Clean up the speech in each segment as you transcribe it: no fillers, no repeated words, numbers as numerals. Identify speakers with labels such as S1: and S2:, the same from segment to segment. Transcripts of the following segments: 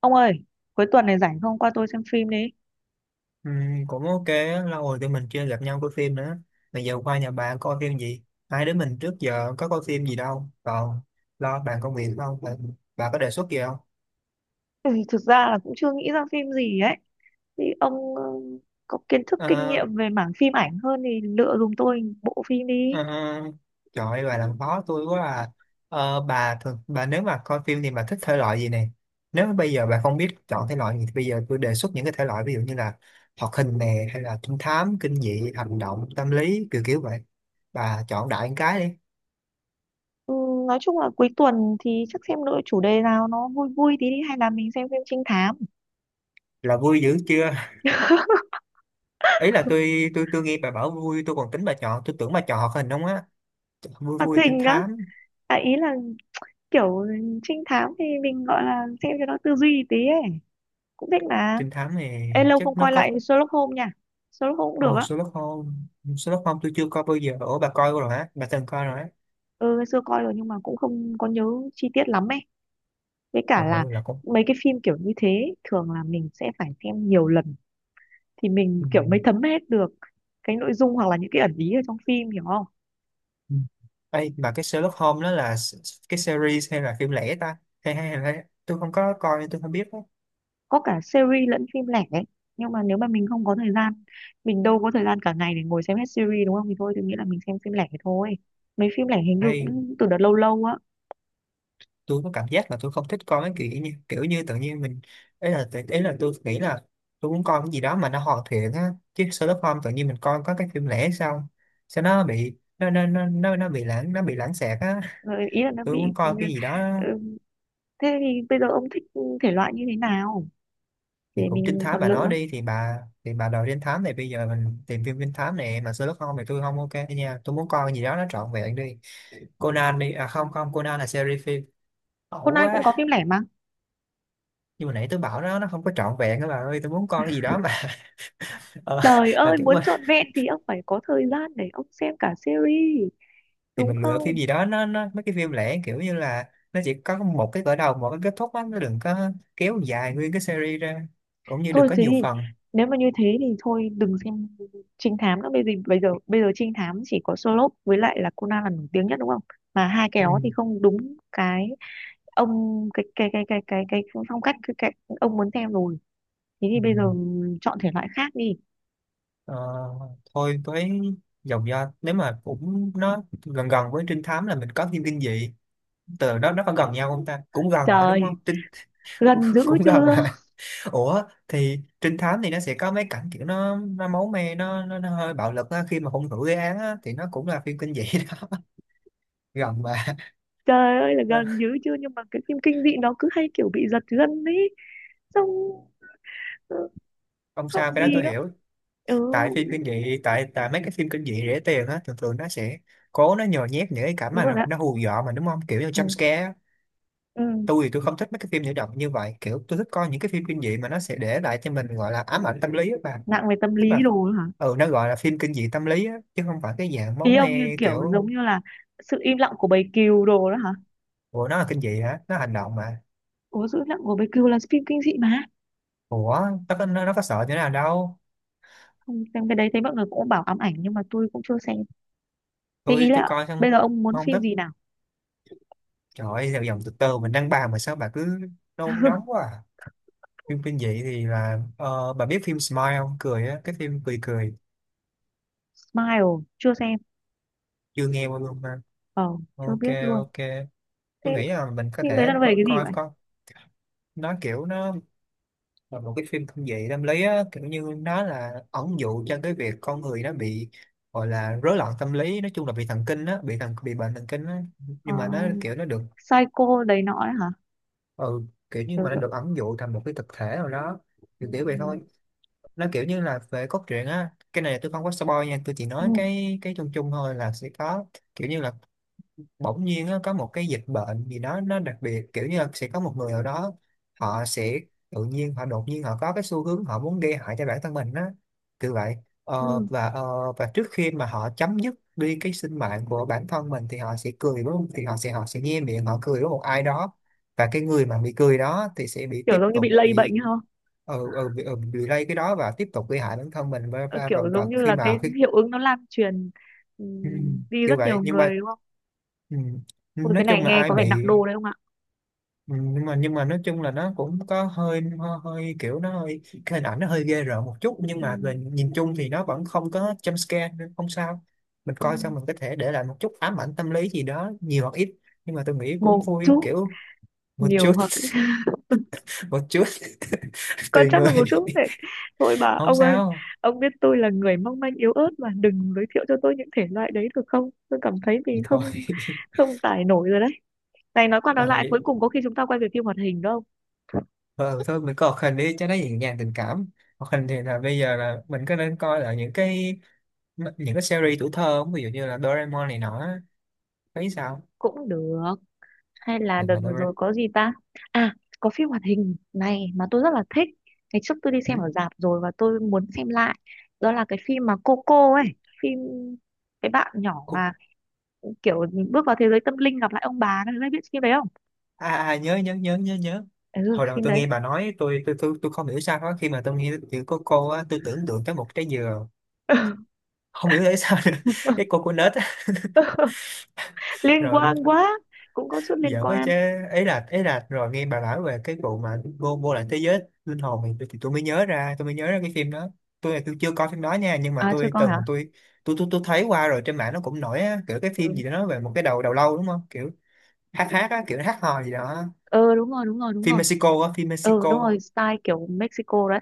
S1: Ông ơi, cuối tuần này rảnh không qua tôi xem phim đi.
S2: Ừ, cũng ok á, lâu rồi tụi mình chưa gặp nhau coi phim nữa. Bây giờ qua nhà bạn coi phim gì? Hai đứa mình trước giờ có coi phim gì đâu, còn lo bàn công việc không bà, bà có đề xuất gì không?
S1: Ừ, thực ra là cũng chưa nghĩ ra phim gì ấy. Thì ông có kiến thức kinh
S2: Ờ,
S1: nghiệm về mảng phim ảnh hơn thì lựa giùm tôi bộ phim đi.
S2: ờ, Trời ơi bà làm khó tôi quá à. Bà nếu mà coi phim thì bà thích thể loại gì này? Nếu mà bây giờ bà không biết chọn thể loại gì thì bây giờ tôi đề xuất những cái thể loại, ví dụ như là hoạt hình nè, hay là trinh thám, kinh dị, hành động, tâm lý, kiểu kiểu vậy. Bà chọn đại một cái đi.
S1: Ừ, nói chung là cuối tuần thì chắc xem lựa chủ đề nào nó vui vui tí đi hay là mình xem phim trinh thám.
S2: Là vui dữ chưa? Ý là tôi nghe bà bảo vui tôi còn tính bà chọn, tôi tưởng bà chọn hoạt hình không á. Vui
S1: Hoạt
S2: vui trinh
S1: hình á,
S2: thám.
S1: à, ý là kiểu trinh thám thì mình gọi là xem cho nó tư duy tí ấy. Cũng thích mà.
S2: Trinh thám này
S1: Ê, lâu
S2: chắc
S1: không
S2: nó
S1: coi lại
S2: có.
S1: Sherlock Holmes nha. Sherlock Holmes cũng
S2: Ồ,
S1: được á.
S2: Sherlock Holmes. Sherlock Holmes tôi chưa coi bao giờ, ủa bà coi rồi hả, bà từng coi rồi á?
S1: Ừ, ngày xưa coi rồi nhưng mà cũng không có nhớ chi tiết lắm ấy, với cả
S2: Trời
S1: là
S2: ơi là cũng.
S1: mấy cái phim kiểu như thế thường là mình sẽ phải xem nhiều lần thì mình
S2: Ừ.
S1: kiểu mới thấm hết được cái nội dung, hoặc là những cái ẩn ý ở trong phim, hiểu không.
S2: Ừ. Ê, mà cái Sherlock Holmes đó là cái series hay là phim lẻ ta, hay hay hay hay- tôi không có coi nên tôi không biết á.
S1: Có cả series lẫn phim lẻ ấy, nhưng mà nếu mà mình không có thời gian, mình đâu có thời gian cả ngày để ngồi xem hết series đúng không, thì thôi tôi nghĩ là mình xem phim lẻ thôi. Mấy phim lẻ hình như
S2: Ê,
S1: cũng từ đợt lâu lâu á.
S2: tôi có cảm giác là tôi không thích coi mấy kiểu như tự nhiên mình, ấy là tôi nghĩ là tôi muốn coi cái gì đó mà nó hoàn thiện á. Chứ Sherlock Holmes tự nhiên mình coi có cái phim lẻ sao, sao nó bị nó bị lãng xẹt á.
S1: Ờ, ý là nó
S2: Tôi
S1: bị,
S2: muốn coi cái gì đó.
S1: ừ, thế thì bây giờ ông thích thể loại như thế nào thì
S2: Thì
S1: để
S2: cũng trinh
S1: mình
S2: thám
S1: còn
S2: bà nói
S1: lựa.
S2: đi, thì bà đòi trinh thám này. Bây giờ mình tìm phim trinh thám này mà Sherlock Holmes thì tôi không ok nha, tôi muốn coi cái gì đó nó trọn vẹn đi. Conan đi, à không không, Conan là series phim. Ẩu
S1: Conan cũng
S2: quá.
S1: có phim lẻ mà.
S2: Nhưng mà nãy tôi bảo nó không có trọn vẹn các bà ơi, tôi muốn coi cái gì đó mà. ờ,
S1: Trời
S2: mà
S1: ơi,
S2: kiểu mà.
S1: muốn trọn vẹn thì ông phải có thời gian để ông xem cả series,
S2: Thì
S1: đúng
S2: mình lựa phim
S1: không?
S2: gì đó, nó mấy cái phim lẻ kiểu như là nó chỉ có một cái khởi đầu, một cái kết thúc á. Nó đừng có kéo dài nguyên cái series ra. Cũng như đừng
S1: Thôi
S2: có
S1: thế
S2: nhiều
S1: thì
S2: phần.
S1: nếu mà như thế thì thôi đừng xem trinh thám nữa. Bây giờ bây giờ bây giờ trinh thám chỉ có Sherlock với lại là Conan là nổi tiếng nhất, đúng không? Mà hai cái
S2: Ừ.
S1: đó thì không đúng cái ông, cái phong cách, cái ông muốn xem rồi. Thế thì
S2: Ừ.
S1: bây giờ chọn thể loại khác đi.
S2: Ờ, Thôi với dòng do, nếu mà cũng nó gần gần với trinh thám là mình có phim kinh dị. Từ đó nó có gần nhau không ta, cũng gần phải đúng
S1: Trời,
S2: không, trinh. cũng
S1: gần dữ
S2: cũng gần
S1: chưa?
S2: mà. Ủa thì trinh thám thì nó sẽ có mấy cảnh kiểu nó máu me, nó hơi bạo lực á, khi mà hung thủ gây án á thì nó cũng là phim kinh dị. Gần mà.
S1: Trời ơi là
S2: Ờ,
S1: gần dữ chưa, nhưng mà cái phim kinh dị nó cứ hay kiểu bị giật gân ấy. Xong
S2: Không sao,
S1: xong
S2: cái đó
S1: gì
S2: tôi
S1: lắm.
S2: hiểu.
S1: Ừ,
S2: Tại phim kinh dị, tại tại mấy cái phim kinh dị rẻ tiền á, thường thường nó sẽ cố nó nhồi nhét những cái cảnh
S1: đúng
S2: mà
S1: rồi
S2: nó
S1: đó.
S2: nó hù dọa mà đúng không, kiểu như jump
S1: Ừ.
S2: scare á.
S1: Ừ.
S2: Tôi thì tôi không thích mấy cái phim nhảy động như vậy, kiểu tôi thích coi những cái phim kinh dị mà nó sẽ để lại cho mình gọi là ám ảnh tâm lý á bà.
S1: Nặng về tâm
S2: Tức
S1: lý
S2: là.
S1: đồ đó hả?
S2: Ừ, nó gọi là phim kinh dị tâm lý á chứ không phải cái dạng máu
S1: Ý ông như
S2: me
S1: kiểu
S2: kiểu.
S1: giống như là sự im lặng của bầy cừu đồ đó hả?
S2: Ủa nó là kinh dị hả, nó hành động mà.
S1: Ủa, sự im lặng của bầy cừu là phim kinh dị mà.
S2: Ủa. Nó có sợ như nào đâu.
S1: Không, xem cái đấy thấy mọi người cũng bảo ám ảnh nhưng mà tôi cũng chưa xem. Thế ý
S2: Tôi
S1: là
S2: coi
S1: bây
S2: xong.
S1: giờ ông muốn
S2: Không
S1: phim
S2: thích.
S1: gì nào?
S2: Trời ơi dòng, từ từ mình đang bàn mà sao bà cứ nôn nóng quá à. Phim kinh dị thì là, bà biết phim Smile không, cười á, cái phim cười cười.
S1: Smile chưa xem.
S2: Chưa nghe qua luôn mà.
S1: ờ Chưa
S2: Ok.
S1: biết luôn.
S2: Ok.
S1: Thế
S2: Tôi nghĩ là mình có
S1: phim đấy
S2: thể
S1: là nó về cái gì
S2: coi
S1: vậy?
S2: coi. Nó kiểu nó là một cái phim kinh dị tâm lý á, kiểu như nó là ẩn dụ cho cái việc con người nó bị, gọi là rối loạn tâm lý, nói chung là bị thần kinh á, bị bệnh thần kinh á.
S1: Ờ,
S2: Nhưng mà nó kiểu nó được.
S1: Psycho đấy nọ ấy hả?
S2: Ừ, kiểu như
S1: Kiểu,
S2: mà nó được ẩn dụ thành một cái thực thể nào đó.
S1: ừ,
S2: Kiểu kiểu vậy thôi. Nó kiểu như là về cốt truyện á, cái này tôi không có spoil nha, tôi chỉ
S1: ừ,
S2: nói cái chung chung thôi là sẽ có. Kiểu như là bỗng nhiên á, có một cái dịch bệnh gì đó nó đặc biệt, kiểu như là sẽ có một người ở đó họ sẽ, tự nhiên họ đột nhiên họ có cái xu hướng họ muốn gây hại cho bản thân mình á. Kiểu vậy. Ờ,
S1: ừ,
S2: và ờ, và trước khi mà họ chấm dứt đi cái sinh mạng của bản thân mình thì họ sẽ cười với thì họ sẽ nhe miệng họ cười với một ai đó. Và cái người mà bị cười đó thì sẽ bị,
S1: kiểu
S2: tiếp
S1: giống như bị
S2: tục
S1: lây bệnh
S2: bị.
S1: hả?
S2: Ừ, ừ, bị lây cái đó và tiếp tục gây hại bản thân mình và,
S1: Ờ,
S2: và, và,
S1: kiểu giống
S2: và
S1: như
S2: khi
S1: là cái
S2: mà khi.
S1: hiệu ứng nó lan truyền
S2: Ừ,
S1: đi
S2: kiểu
S1: rất
S2: vậy
S1: nhiều
S2: nhưng mà.
S1: người đúng không?
S2: Ừ,
S1: Ôi
S2: nói
S1: cái này
S2: chung là
S1: nghe
S2: ai
S1: có vẻ
S2: bị.
S1: nặng đô đấy không ạ?
S2: Ừ, nhưng mà nói chung là nó cũng có hơi hơi, kiểu nó hơi cái hình ảnh nó hơi ghê rợn một chút, nhưng mà
S1: Ừm.
S2: về nhìn chung thì nó vẫn không có jump scare nên không sao. Mình coi
S1: Ừm.
S2: xong mình có thể để lại một chút ám ảnh tâm lý gì đó, nhiều hoặc ít. Nhưng mà tôi nghĩ cũng
S1: Một
S2: vui
S1: chút.
S2: kiểu. Một
S1: Nhiều
S2: chút.
S1: hoặc
S2: Một chút.
S1: có
S2: Tùy
S1: chắc là
S2: người.
S1: một chút đấy. Thôi
S2: Không
S1: ông ơi,
S2: sao.
S1: ông biết tôi là người mong manh yếu ớt mà đừng giới thiệu cho tôi những thể loại đấy được không? Tôi cảm thấy
S2: Thì
S1: mình
S2: thôi.
S1: không không tải nổi rồi đấy. Này nói qua nói lại
S2: Rồi.
S1: cuối cùng có khi chúng ta quay về phim hoạt hình đúng không?
S2: Ờ, Thôi mình coi hoạt hình đi cho nó nhẹ nhàng tình cảm. Hoạt hình thì là bây giờ là mình có nên coi là những cái những cái series tuổi thơ không, ví dụ như là Doraemon này nọ á, thấy sao?
S1: Cũng được. Hay là
S2: mà,
S1: đợt
S2: mà
S1: vừa rồi
S2: Doraemon.
S1: có gì ta. À, có phim hoạt hình này mà tôi rất là thích, ngày trước tôi đi
S2: Ừ?
S1: xem ở rạp rồi và tôi muốn xem lại. Đó là cái phim mà Coco ấy, phim cái bạn nhỏ
S2: Cô-.
S1: mà kiểu bước vào thế giới tâm linh gặp lại ông bà đấy, biết phim đấy không?
S2: À, à à, nhớ nhớ nhớ nhớ nhớ.
S1: Ừ,
S2: Hồi đầu
S1: phim
S2: tôi
S1: đấy.
S2: nghe bà nói, tôi không hiểu sao đó. Khi mà tôi nghe chữ cô á, tôi tưởng tượng tới một trái dừa. Không hiểu tại sao nữa. Cái cô nết á.
S1: Liên
S2: Rồi
S1: quan quá. Cũng có chút liên
S2: giỡn á
S1: quan.
S2: chứ. Ấy là rồi nghe bà nói về cái vụ mà vô vô lại thế giới linh hồn thì, thì tôi mới nhớ ra cái phim đó. Tôi là tôi chưa coi phim đó nha, nhưng mà
S1: À chưa
S2: tôi
S1: có hả.
S2: từng tôi thấy qua rồi trên mạng nó cũng nổi á, kiểu cái phim
S1: Ừ.
S2: gì đó nói về một cái đầu đầu lâu đúng không. Hát hát á, kiểu hát hò gì đó.
S1: Ờ, đúng rồi đúng rồi đúng
S2: Phim
S1: rồi.
S2: Mexico á, phim
S1: Ừ
S2: Mexico.
S1: đúng rồi, style kiểu Mexico đấy,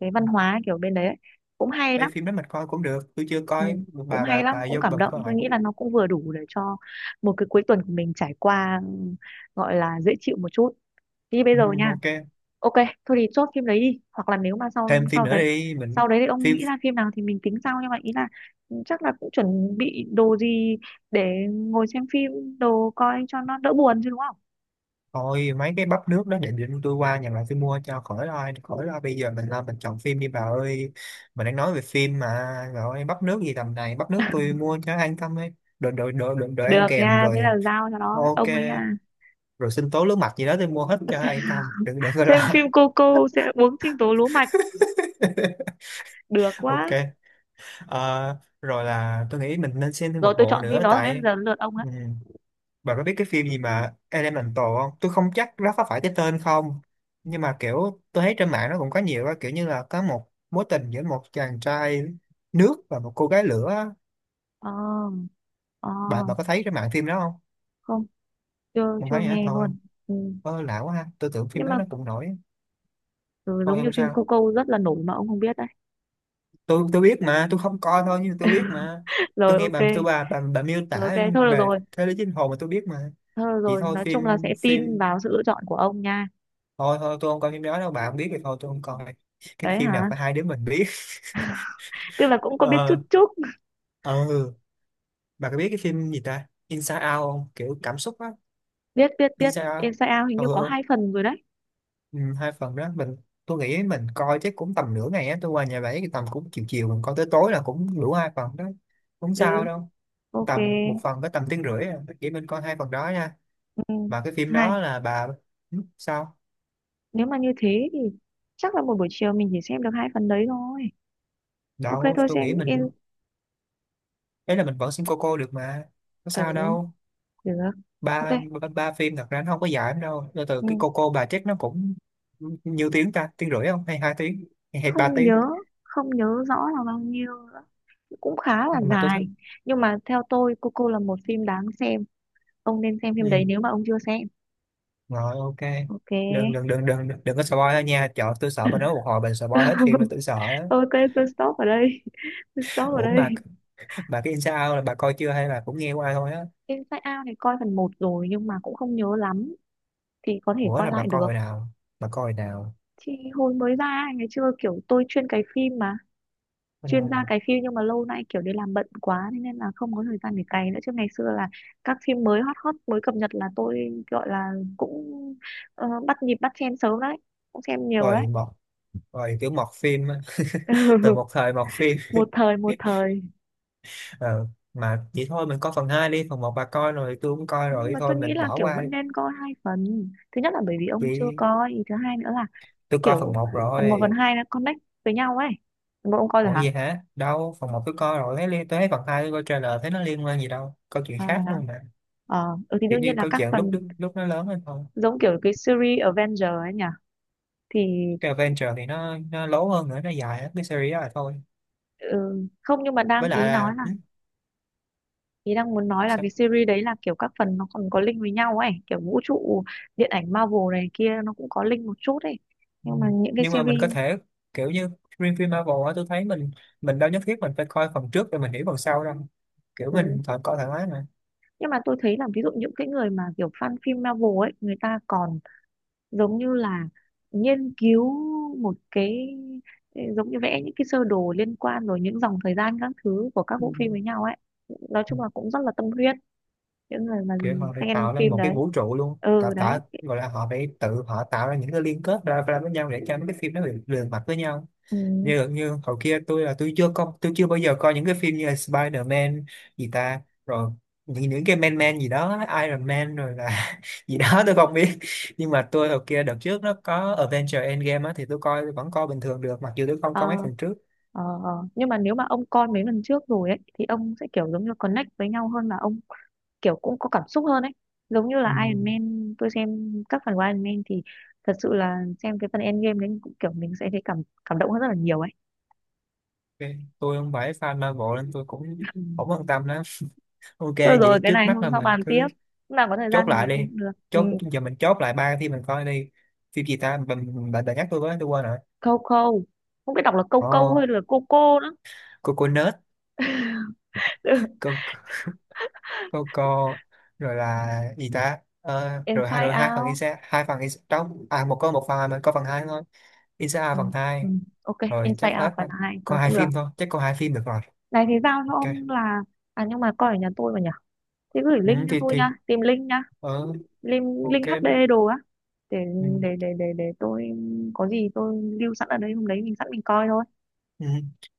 S1: cái văn hóa kiểu bên đấy ấy. Cũng hay lắm.
S2: Đây phim đó mình coi cũng được, tôi chưa
S1: Ừ,
S2: coi,
S1: cũng
S2: bà
S1: hay
S2: bà
S1: lắm,
S2: bà
S1: cũng
S2: vô
S1: cảm
S2: bình
S1: động.
S2: coi
S1: Tôi
S2: lại
S1: nghĩ
S2: cũng.
S1: là nó cũng vừa đủ để cho một cái cuối tuần của mình trải qua, ừ, gọi là dễ chịu một chút. Đi bây
S2: Ừ,
S1: giờ nha.
S2: ok.
S1: Ok. Thôi thì chốt phim đấy đi, hoặc là nếu mà sau
S2: Thêm phim
S1: sau
S2: nữa
S1: đấy,
S2: đi mình.
S1: sau đấy thì ông
S2: Phim.
S1: nghĩ ra phim nào thì mình tính sau, nhưng mà ý là, ừ, chắc là cũng chuẩn bị đồ gì để ngồi xem phim, đồ coi cho nó đỡ buồn chứ đúng không.
S2: Thôi mấy cái bắp nước đó để, định tôi qua nhà lại tôi mua cho, khỏi lo khỏi lo. Bây giờ mình lo mình chọn phim đi bà ơi. Mình đang nói về phim mà. Rồi bắp nước gì tầm này, bắp nước tôi mua cho an tâm ấy. Đồ đồ đồ đồ, Đồ ăn
S1: Được
S2: kèm
S1: nha, thế là
S2: rồi.
S1: giao cho nó
S2: Ok.
S1: ông ấy nha.
S2: Rồi sinh tố nước mặt gì đó tôi mua hết cho an tâm, đừng đừng có
S1: Xem
S2: lo.
S1: phim cô sẽ uống sinh tố lúa mạch được
S2: Ok.
S1: quá.
S2: Rồi là tôi nghĩ mình nên xem thêm
S1: Rồi,
S2: một
S1: tôi
S2: bộ
S1: chọn phim
S2: nữa
S1: đó rồi đấy,
S2: tại.
S1: giờ đến lượt ông ấy.
S2: Ừ, bà có biết cái phim gì mà Elemental không? Tôi không chắc nó có phải cái tên không, nhưng mà kiểu tôi thấy trên mạng nó cũng có nhiều á, kiểu như là có một mối tình giữa một chàng trai nước và một cô gái lửa á.
S1: Ờ. Ờ.
S2: Bà có thấy trên mạng phim đó không?
S1: Không, chưa
S2: Không
S1: chưa
S2: thấy hả?
S1: nghe
S2: Thôi,
S1: luôn. Ừ.
S2: ơ lạ quá ha. Tôi tưởng phim
S1: Nhưng
S2: đó
S1: mà,
S2: nó cũng nổi.
S1: ừ,
S2: Thôi
S1: giống như
S2: không
S1: phim
S2: sao.
S1: Cô Câu rất là nổi mà ông không biết đấy.
S2: Tôi biết mà, tôi không coi thôi nhưng tôi biết mà. Tôi
S1: Rồi
S2: nghe
S1: ok.
S2: bà, bà miêu
S1: Rồi
S2: tả
S1: ok thôi được
S2: về
S1: rồi.
S2: thế giới chính hồn mà tôi biết mà.
S1: Thôi được
S2: Vậy
S1: rồi,
S2: thôi
S1: nói chung là
S2: phim
S1: sẽ tin
S2: phim
S1: vào sự lựa chọn của ông nha.
S2: Thôi thôi tôi không coi phim đó đâu, bà không biết thì thôi tôi không coi. Cái
S1: Đấy
S2: phim nào
S1: hả,
S2: phải hai đứa mình biết.
S1: tức là cũng có biết chút
S2: Ờ.
S1: chút.
S2: Ừ. Bà có biết cái phim gì ta Inside Out không, kiểu cảm xúc á?
S1: Biết biết biết
S2: Inside Out.
S1: Inside Out, hình
S2: Ừ,
S1: như có
S2: ừ.
S1: hai phần rồi đấy.
S2: Ừ, hai phần đó mình. Tôi nghĩ mình coi chắc cũng tầm nửa ngày á, tôi qua nhà bảy thì tầm cũng chiều chiều mình coi tới tối là cũng đủ hai phần đó. Không
S1: Ừ
S2: sao đâu.
S1: ok.
S2: Tầm một phần có tầm tiếng rưỡi à. Chỉ mình coi hai phần đó nha.
S1: Ừ.
S2: Mà cái phim
S1: hai
S2: đó là bà. Ừ, sao
S1: Nếu mà như thế thì chắc là một buổi chiều mình chỉ xem được hai phần đấy thôi. Ok
S2: đâu
S1: thôi
S2: tôi
S1: xem
S2: nghĩ mình. Ấy là mình vẫn xem cô được mà. Có
S1: ừ
S2: sao đâu.
S1: được ok.
S2: Ba. Ba phim thật ra nó không có dài lắm đâu, từ từ
S1: Ừ.
S2: cái cô bà chết nó cũng. Nhiêu tiếng ta, tiếng rưỡi không hay 2 tiếng? Hay ba
S1: không
S2: tiếng
S1: nhớ không nhớ rõ là bao nhiêu, cũng khá là
S2: Mà tôi
S1: dài.
S2: thích.
S1: Nhưng mà theo tôi Coco là một phim đáng xem, ông nên xem phim đấy
S2: Ừ.
S1: nếu mà ông chưa xem.
S2: Rồi ok.
S1: Ok.
S2: Đừng đừng đừng đừng đừng có spoil đó nha, trời tôi sợ bà nói một hồi bà spoil hết phim mà, tôi sợ á.
S1: Ok, tôi stop ở đây. Tôi stop ở
S2: Ủa
S1: đây.
S2: mà. Bà cái Inside Out là bà coi chưa hay là cũng nghe qua thôi á?
S1: Inside Out này coi phần một rồi nhưng mà cũng không nhớ lắm, thì có thể
S2: Bữa
S1: coi
S2: là bà
S1: lại
S2: coi hồi
S1: được.
S2: nào? Bà coi hồi nào?
S1: Thì hồi mới ra ngày xưa kiểu tôi chuyên cày phim mà, chuyên ra
S2: Ừ.
S1: cày phim, nhưng mà lâu nay kiểu đi làm bận quá thế nên là không có thời gian để cày nữa, chứ ngày xưa là các phim mới hot hot mới cập nhật là tôi gọi là cũng, bắt nhịp bắt chen sớm đấy, cũng xem nhiều đấy.
S2: Rồi một. Rồi kiểu mọt phim á. Từ một thời mọt phim.
S1: Một thời, một thời.
S2: Ờ, mà vậy thôi mình coi phần 2 đi, phần một bà coi rồi tôi cũng coi
S1: Nhưng
S2: rồi,
S1: mà
S2: thôi
S1: tôi nghĩ
S2: mình
S1: là
S2: bỏ
S1: kiểu
S2: qua đi.
S1: vẫn nên coi hai phần, thứ nhất là bởi vì ông chưa
S2: Vì.
S1: coi thứ hai, nữa là
S2: Tôi coi phần
S1: kiểu
S2: một
S1: phần một phần
S2: rồi.
S1: hai nó connect với nhau ấy. Phần ông coi rồi
S2: Ủa
S1: hả.
S2: gì hả, đâu phần một tôi coi rồi thấy liên tôi thấy phần 2 tôi coi trailer thấy nó liên quan gì đâu, câu chuyện
S1: À, rồi
S2: khác
S1: hả.
S2: luôn mà.
S1: Ờ ừ, thì
S2: Kiểu
S1: đương nhiên
S2: như
S1: là
S2: câu
S1: các
S2: chuyện lúc
S1: phần
S2: lúc, lúc nó lớn hơn thôi.
S1: giống kiểu cái series Avenger ấy nhỉ. Thì,
S2: Cái Adventure thì nó lố hơn nữa, nó dài hết cái series đó là thôi.
S1: ừ, không, nhưng mà đang
S2: Với lại
S1: ý nói
S2: là
S1: là,
S2: ừ,
S1: ý đang muốn nói là cái
S2: sao?
S1: series đấy là kiểu các phần nó còn có link với nhau ấy, kiểu vũ trụ điện ảnh Marvel này kia nó cũng có link một chút ấy.
S2: Ừ.
S1: Nhưng mà những cái
S2: Nhưng mà mình
S1: series,
S2: có thể. Kiểu như. Riêng phim Marvel á tôi thấy mình. Mình đâu nhất thiết mình phải coi phần trước rồi mình hiểu phần sau đâu. Kiểu
S1: ừ,
S2: mình coi thoải mái mà.
S1: nhưng mà tôi thấy là ví dụ những cái người mà kiểu fan phim Marvel ấy, người ta còn giống như là nghiên cứu một cái, giống như vẽ những cái sơ đồ liên quan rồi những dòng thời gian các thứ của các
S2: Ừ.
S1: bộ phim với nhau ấy. Nói chung là cũng rất là tâm huyết những người mà
S2: Kiểu họ phải
S1: fan
S2: tạo nên
S1: phim
S2: một cái
S1: đấy.
S2: vũ trụ luôn, tạo
S1: Ừ đấy.
S2: tạo gọi là họ phải tự họ tạo ra những cái liên kết ra với nhau để cho mấy cái phim nó liền liền mạch với nhau.
S1: Ừ.
S2: Như như hồi kia tôi chưa bao giờ coi những cái phim như là Spider-Man, gì ta rồi, những cái Man Man gì đó, Iron Man rồi là gì đó tôi không biết. Nhưng mà tôi hồi kia đợt trước nó có Avengers Endgame á thì tôi vẫn coi bình thường được, mặc dù tôi không coi mấy
S1: Ờ,
S2: phần trước.
S1: ờ, ờ. Nhưng mà nếu mà ông coi mấy lần trước rồi ấy thì ông sẽ kiểu giống như connect với nhau hơn, là ông kiểu cũng có cảm xúc hơn ấy. Giống như
S2: Ừ.
S1: là Iron Man, tôi xem các phần của Iron Man thì thật sự là xem cái phần Endgame đấy cũng kiểu mình sẽ thấy cảm cảm động hơn rất là nhiều ấy.
S2: Ok. Tôi không phải fan Marvel nên tôi cũng
S1: Ừ.
S2: không quan tâm lắm. Ok
S1: Thôi rồi,
S2: vậy
S1: cái
S2: trước
S1: này
S2: mắt
S1: hôm
S2: là
S1: sau
S2: mình
S1: bàn tiếp,
S2: cứ.
S1: lúc nào có thời
S2: Chốt
S1: gian thì
S2: lại
S1: mình
S2: đi.
S1: xem cũng được. Ừ.
S2: Chốt giờ mình chốt lại ba phim mình coi đi. Phim gì ta, bạn bạn đã nhắc tôi với tôi quên rồi.
S1: Câu câu, không biết đọc là câu câu
S2: Oh,
S1: hay là cô nữa.
S2: coconut.
S1: Ừ.
S2: Cô cô cô. Rồi là gì ta. Ờ, Rồi hai,
S1: Inside
S2: rồi
S1: Out.
S2: Hai phần Isa đó. À một có một phần. À, mình có phần hai thôi. Isa A
S1: Ừ.
S2: phần
S1: Ừ.
S2: hai.
S1: Ok
S2: Rồi chắc
S1: Inside Out
S2: hết
S1: phần
S2: rồi.
S1: 2
S2: Có
S1: thôi
S2: hai
S1: cũng được.
S2: phim thôi, chắc có hai phim được rồi.
S1: Này thì giao cho
S2: Ok.
S1: ông là, à nhưng mà coi ở nhà tôi mà nhỉ, thế gửi
S2: Ừ,
S1: link cho
S2: thì
S1: tôi
S2: thì
S1: nha, tìm link nha.
S2: ờ,
S1: link
S2: ok.
S1: link HD đồ á, để
S2: Ừ,
S1: tôi có gì tôi lưu sẵn ở đây, hôm đấy mình sẵn mình coi thôi.
S2: ừ.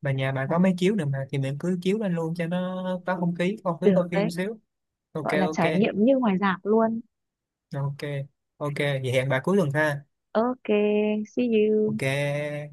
S2: Mà nhà bà có
S1: À,
S2: mấy chiếu nữa mà, thì mình cứ chiếu lên luôn cho nó có không khí
S1: được
S2: coi
S1: đấy,
S2: phim xíu. Ok
S1: gọi là
S2: ok.
S1: trải nghiệm như ngoài rạp luôn.
S2: Ok ok vậy hẹn bà cuối tuần ha.
S1: Ok. See you.
S2: Ok.